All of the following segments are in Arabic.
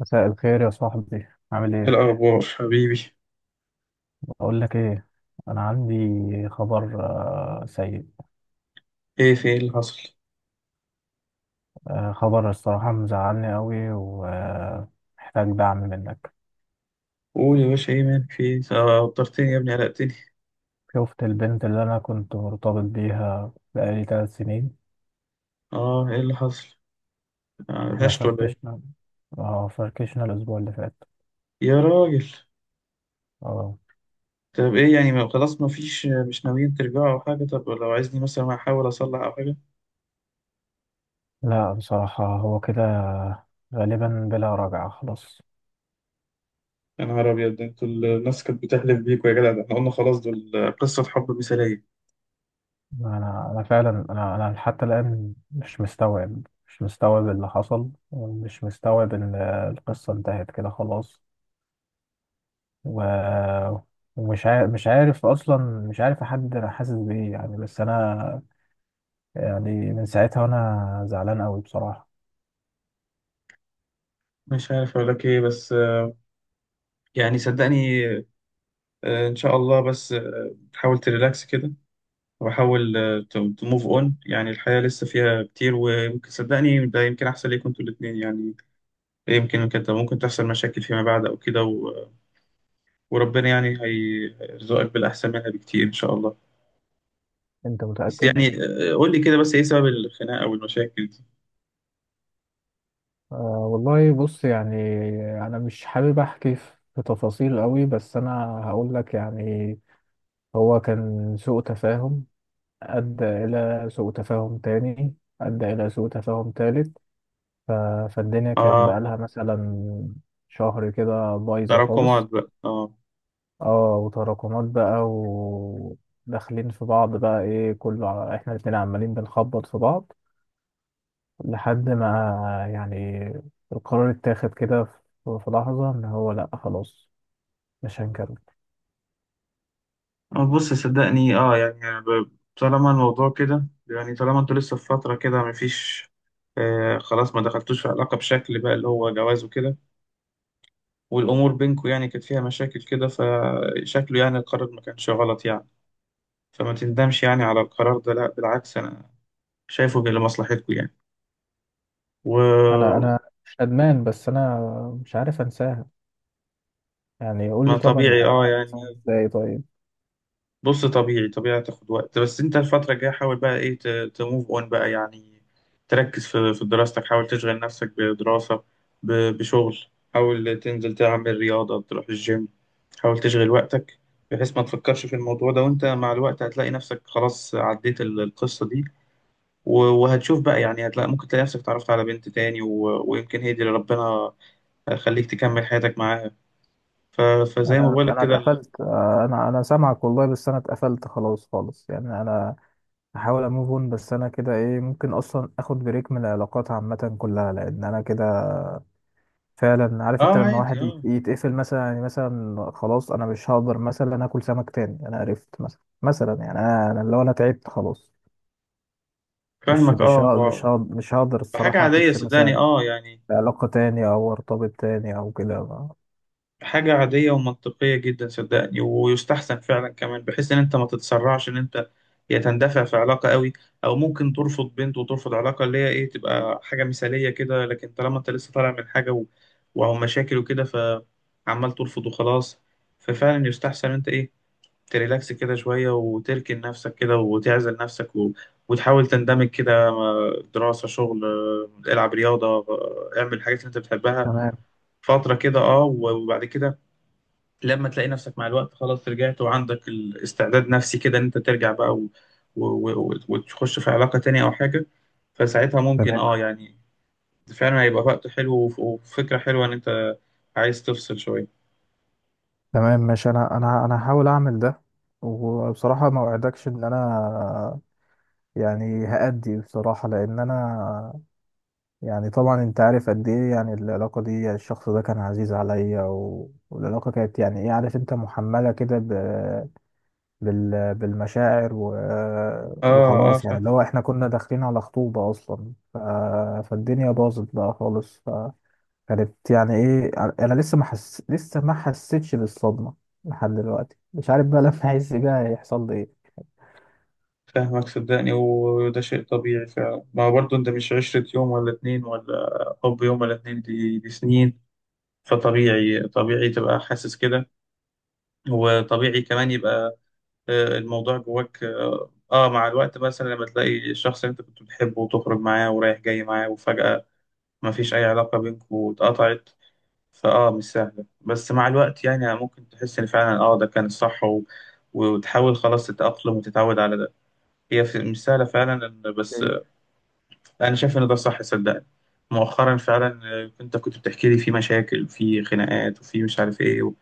مساء الخير يا صاحبي، عامل ايه ايه؟ الأخبار حبيبي؟ بقول لك ايه، انا عندي خبر سيء. ايه في ايه اللي حصل؟ خبر الصراحة مزعلني قوي ومحتاج دعم منك. قول يا باشا ايه مالك في ايه؟ وترتني يا ابني قلقتني. شفت البنت اللي انا كنت مرتبط بيها بقالي 3 سنين. اه ايه اللي حصل؟ احنا غشت ولا ايه؟ فركشنا، اه فركشنا الاسبوع اللي فات. يا راجل، اه، طب ايه يعني، ما خلاص ما فيش، مش ناويين ترجعوا أو حاجة؟ طب لو عايزني مثلا أحاول أصلح أو حاجة؟ لا بصراحة هو كده، غالبا بلا رجعة خلاص. يا نهار أبيض، ده انتوا الناس كانت بتحلف بيكوا يا جدع، ده احنا قلنا خلاص دول قصة حب مثالية. انا فعلا، انا حتى الان مش مستوعب اللي حصل، ومش مستوعب ان القصه انتهت كده خلاص. و... ومش عارف اصلا، مش عارف احدد انا حاسس بايه يعني، بس انا يعني من ساعتها وانا زعلان قوي بصراحه. مش عارف أقول لك ايه بس يعني صدقني، إن شاء الله، بس تحاول تريلاكس كده، واحاول تو موف اون، يعني الحياة لسه فيها كتير، وممكن صدقني ده يمكن احسن ليكم انتوا الاتنين يعني. يمكن كده ممكن تحصل مشاكل فيما بعد او كده، وربنا يعني هيرزقك بالاحسن منها بكتير ان شاء الله. انت بس متأكد؟ يعني قول لي كده بس ايه سبب الخناقة او المشاكل دي. آه والله، بص يعني انا مش حابب احكي في تفاصيل قوي، بس انا هقول لك يعني، هو كان سوء تفاهم أدى إلى سوء تفاهم تاني، أدى إلى سوء تفاهم تالت. ف... فالدنيا كانت اه، بقالها مثلا شهر كده بايظة تراكمات خالص. بقى، اه. اه وتراكمات بقى، وداخلين في بعض بقى، ايه احنا الاتنين عمالين بنخبط في بعض، لحد ما يعني القرار اتاخد كده، في لحظة ان هو لأ خلاص مش هنكمل. بص صدقني، اه يعني أنا طالما الموضوع كده يعني، طالما انتوا لسه في فترة كده مفيش آه، خلاص ما دخلتوش في علاقة بشكل بقى اللي هو جواز وكده، والأمور بينكم يعني كانت فيها مشاكل كده، فشكله يعني القرار ما كانش غلط يعني. فما تندمش يعني على القرار ده، لا بالعكس، أنا شايفه لمصلحتكم يعني. انا وما انا مش ندمان، بس انا مش عارف انساها، يعني قول لي طبعا طبيعي اه انساها يعني. ازاي طيب. بص طبيعي طبيعي هتاخد وقت، بس انت الفترة الجاية حاول بقى ايه، تموف اون بقى يعني. تركز في دراستك، حاول تشغل نفسك بدراسة، بشغل، حاول تنزل تعمل رياضة، تروح الجيم، حاول تشغل وقتك بحيث ما تفكرش في الموضوع ده. وانت مع الوقت هتلاقي نفسك خلاص عديت القصة دي، وهتشوف بقى يعني، هتلاقي ممكن تلاقي نفسك اتعرفت على بنت تاني، ويمكن هي دي اللي ربنا خليك تكمل حياتك معاها. ف... فزي ما انا بقولك انا كده. اتقفلت، انا سامعك والله، بس انا اتقفلت خلاص خالص، يعني انا هحاول اموف اون، بس انا كده ايه ممكن اصلا اخد بريك من العلاقات عامه كلها، لان انا كده فعلا عارف انت اه لما عادي واحد اه، يتقفل مثلا، يعني مثلا خلاص انا مش هقدر مثلا اكل سمك تاني، انا عرفت مثلا، يعني، انا لو انا تعبت خلاص. مش فاهمك مش اه هق- مش و- هق- مش هقدر بحاجة الصراحه عادية اخش صدقني مثلا اه يعني، علاقه تاني او ارتبط تاني او كده. حاجة عادية ومنطقية جدا صدقني، ويستحسن فعلا كمان بحيث ان انت ما تتسرعش، ان انت يا تندفع في علاقة قوي، او ممكن ترفض بنت وترفض علاقة اللي هي ايه، تبقى حاجة مثالية كده، لكن طالما انت لسه طالع من حاجة وأو مشاكل وكده فعمال ترفض وخلاص. ففعلا يستحسن انت ايه، تريلاكس كده شوية وتركن نفسك كده وتعزل نفسك وتحاول تندمج كده مع دراسة، شغل، العب رياضة، اعمل الحاجات اللي انت بتحبها تمام. فترة كده اه. وبعد كده لما تلاقي نفسك مع الوقت خلاص رجعت، وعندك الاستعداد نفسي كده ان انت ترجع بقى و... وتخش في علاقة تانية او حاجة، فساعتها ممكن تمام اه يعني فعلا هيبقى وقت حلو، وفكرة حلوة ان انت عايز تفصل شوية. تمام ماشي، انا هحاول اعمل ده. وبصراحه ما اوعدكش ان انا يعني هأدي بصراحه، لان انا يعني طبعا انت عارف قد ايه يعني العلاقه دي، يعني الشخص ده كان عزيز عليا والعلاقه كانت يعني ايه، عارف انت محمله كده بالمشاعر اه اه وخلاص يعني اللي فاهمك. هو احنا كنا داخلين على خطوبه اصلا. فالدنيا باظت بقى خالص، كانت يعني ايه، انا لسه ما حس... لسه ما حسيتش بالصدمه لحد دلوقتي، مش عارف بقى لما احس بيها هيحصل لي ايه. فاهمك صدقني، وده شيء طبيعي فعلا، ما هو برضه انت مش عشرة يوم ولا اتنين، ولا حب يوم ولا اتنين، دي سنين. فطبيعي طبيعي تبقى حاسس كده، وطبيعي كمان يبقى الموضوع جواك اه. مع الوقت مثلا لما تلاقي الشخص اللي انت كنت بتحبه وتخرج معاه ورايح جاي معاه، وفجأة ما فيش اي علاقة بينكم واتقطعت، فاه مش سهلة. بس مع الوقت يعني ممكن تحس ان فعلا اه ده كان الصح، و... وتحاول خلاص تتأقلم وتتعود على ده. هي مش سهلة فعلا بس اوكي. انا شايف ان ده صح صدقني. مؤخرا فعلا انت كنت بتحكي لي في مشاكل وفي خناقات وفي مش عارف ايه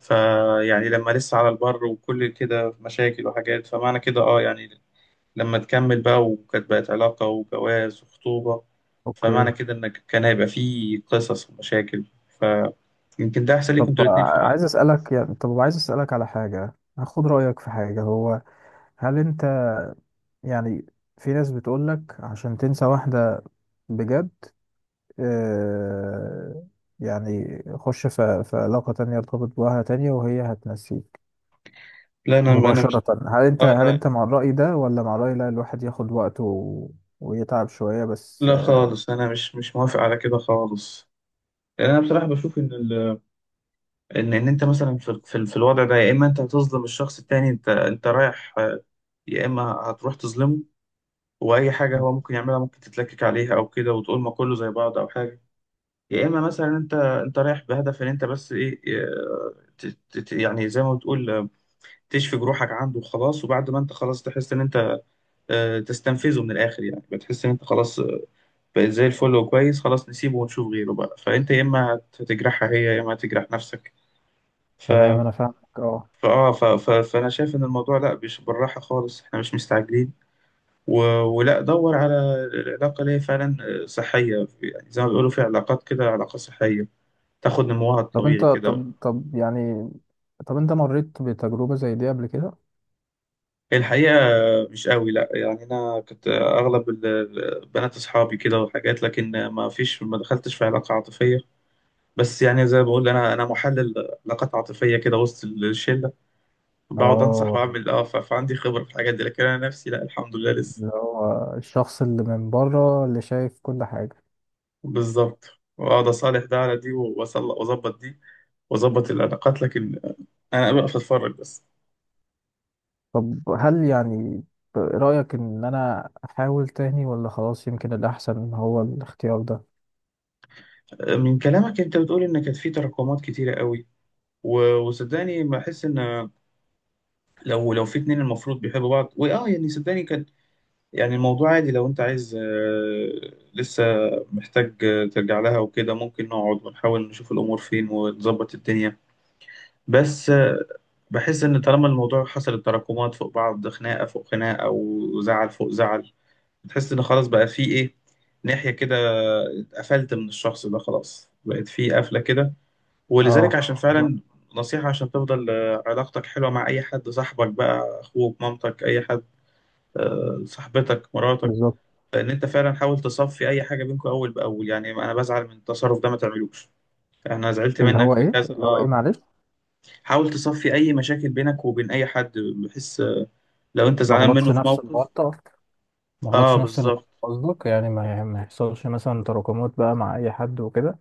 فيعني لما لسه على البر وكل كده مشاكل وحاجات، فمعنى كده اه يعني لما تكمل بقى وكانت بقت علاقة وجواز وخطوبة، اوكي، فمعنى كده إنك كان هيبقى فيه قصص ومشاكل، فيمكن ده أحسن ليكوا طب أنتوا الاتنين فعلا. عايز اسالك، يعني طب عايز اسالك على حاجه، هاخد رايك في حاجه. هو، هل انت، يعني في ناس بتقولك عشان تنسى واحده بجد، آه يعني خش في علاقه تانية، ارتبط بواحده تانية وهي هتنسيك لا أنا مش مباشرة. هل انت آه، هل لا انت مع الرأي ده، ولا مع الرأي لا الواحد ياخد وقته ويتعب شوية؟ بس لا خالص، أنا مش موافق على كده خالص. لأن أنا بصراحة بشوف إن إن أنت مثلا في الوضع ده يا إما أنت هتظلم الشخص التاني، أنت رايح يا إما هتروح تظلمه، وأي حاجة هو ممكن يعملها ممكن تتلكك عليها أو كده وتقول ما كله زي بعض أو حاجة. يا اما مثلا انت رايح بهدف ان انت بس ايه، يعني زي ما بتقول تشفي جروحك عنده وخلاص، وبعد ما انت خلاص تحس ان انت تستنفذه من الاخر يعني، بتحس ان انت خلاص بقيت زي الفل وكويس، خلاص نسيبه ونشوف غيره بقى، فانت يا اما هتجرحها هي، يا اما هتجرح نفسك. ف تمام انا فاهمك اه. فاه ف... ف... فانا شايف ان الموضوع لا مش بالراحه خالص، احنا مش مستعجلين و... ولا دور على العلاقه اللي هي فعلا صحيه، يعني زي ما بيقولوا في علاقات كده علاقه صحيه تاخد نموها طب الطبيعي انت، كده. طب يعني طب انت مريت بتجربة زي دي قبل كده؟ الحقيقة مش قوي لا، يعني أنا كنت أغلب بنات أصحابي كده وحاجات، لكن ما فيش، ما دخلتش في علاقة عاطفية. بس يعني زي ما بقول، أنا محلل علاقات عاطفية كده وسط الشلة، بقعد أنصح اه، وأعمل أه، فعندي خبرة في الحاجات دي، لكن أنا نفسي لا، الحمد لله لسه. اللي هو الشخص اللي من بره، اللي شايف كل حاجة. بالظبط، وأقعد أصالح ده على دي وأظبط دي وأظبط العلاقات، لكن أنا بقف أتفرج بس. طب هل يعني رأيك ان انا احاول تاني، ولا خلاص يمكن الاحسن هو الاختيار ده؟ من كلامك أنت بتقول إن كانت في تراكمات كتيرة قوي، وصدقني بحس إن لو في اتنين المفروض بيحبوا بعض، واه يعني صدقني كان يعني الموضوع عادي. لو انت عايز لسه محتاج ترجع لها وكده، ممكن نقعد ونحاول نشوف الامور فين ونظبط الدنيا. بس بحس ان طالما الموضوع حصلت تراكمات فوق بعض، خناقه فوق خناقه وزعل فوق زعل، بتحس ان خلاص بقى في ايه، ناحيه كده اتقفلت من الشخص ده، خلاص بقت في قفله كده، ولذلك اه عشان بالظبط. فعلا نصيحة عشان تفضل علاقتك حلوة مع أي حد، صاحبك بقى، أخوك، مامتك، أي حد، صاحبتك، مراتك، بالظبط. إن أنت فعلا حاول تصفي أي حاجة بينكم أول بأول. يعني أنا بزعل من التصرف ده ما تعملوش، أنا زعلت اللي منك هو في ايه؟ كذا اللي هو ايه أه. معلش، حاول تصفي أي مشاكل بينك وبين أي حد، بحيث لو أنت ما زعلان غلطش منه في نفس موقف. الغلطة، ما أه غلطش نفس اللي بالظبط، كنت قصدك، يعني ما يحصلش مثلا تراكمات بقى مع اي حد وكده.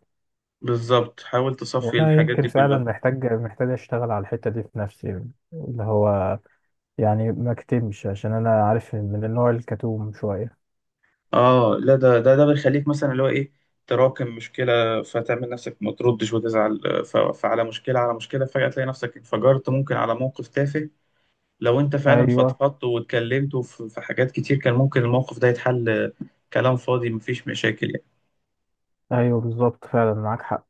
بالظبط حاول تصفي وانا الحاجات يمكن دي فعلا كلها. محتاج اشتغل على الحته دي في نفسي، اللي هو يعني ما اكتمش، عشان انا عارف من النوع الكتوم شويه. اه لا، ده بيخليك مثلا اللي هو ايه، تراكم مشكله فتعمل نفسك ما تردش وتزعل، فعلى مشكله على مشكله، فجاه تلاقي نفسك انفجرت ممكن على موقف تافه. لو انت فعلا ايوه. فضفضت واتكلمت في حاجات كتير، كان ممكن الموقف ده يتحل كلام فاضي مفيش مشاكل يعني. ايوه بالظبط فعلا معاك حق.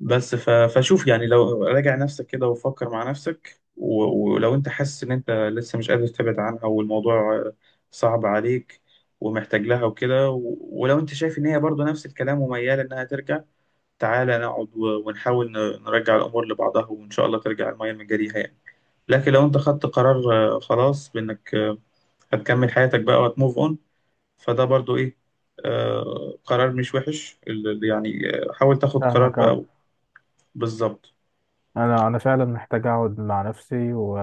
بس فشوف يعني، لو راجع نفسك كده وفكر مع نفسك، ولو انت حاسس ان انت لسه مش قادر تبعد عنها، والموضوع صعب عليك ومحتاج لها وكده، ولو انت شايف ان هي برضو نفس الكلام ومياله انها ترجع، تعالى نقعد ونحاول نرجع الأمور لبعضها، وإن شاء الله ترجع المية من جريها يعني. لكن لو أنت خدت قرار خلاص بإنك هتكمل حياتك بقى وهتموف أون، فده برضو إيه، قرار مش وحش يعني حاول تاخد قرار فاهمك اوي. بقى. بالظبط. انا فعلا محتاج اقعد مع نفسي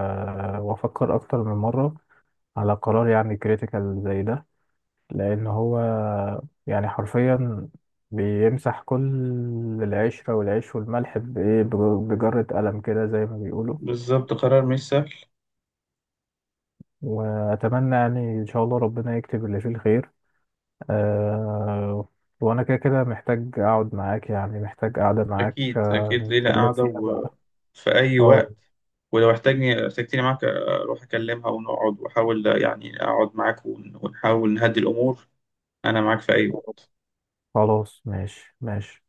وافكر اكتر من مره على قرار يعني كريتيكال زي ده، لأن هو يعني حرفيا بيمسح كل العشرة والعيش والملح بإيه، بجرة قلم كده زي ما بيقولوا. بالظبط قرار مش سهل. وأتمنى يعني إن شاء الله ربنا يكتب اللي فيه الخير. أه، وأنا كده كده محتاج أقعد معاك، يعني محتاج قعدة معاك أكيد أه أكيد، ليلة نتكلم قاعدة فيها بقى. وفي أي اه وقت. ولو احتاجني، احتاجتني معاك أروح أكلمها ونقعد وأحاول يعني أقعد معاك ونحاول نهدي الأمور. أنا معاك في أي وقت. خلاص ماشي ماشي.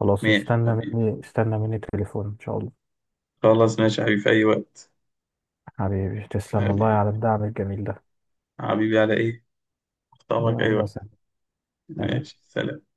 خلاص ماشي استنى حبيبي. مني استنى مني تليفون إن شاء الله. خلاص ماشي يا حبيبي في أي وقت. حبيبي تسلم والله على حبيبي، الدعم الجميل ده. حبيبي على إيه؟ أخطبك أي يلا وقت. سلام. ماشي سلام.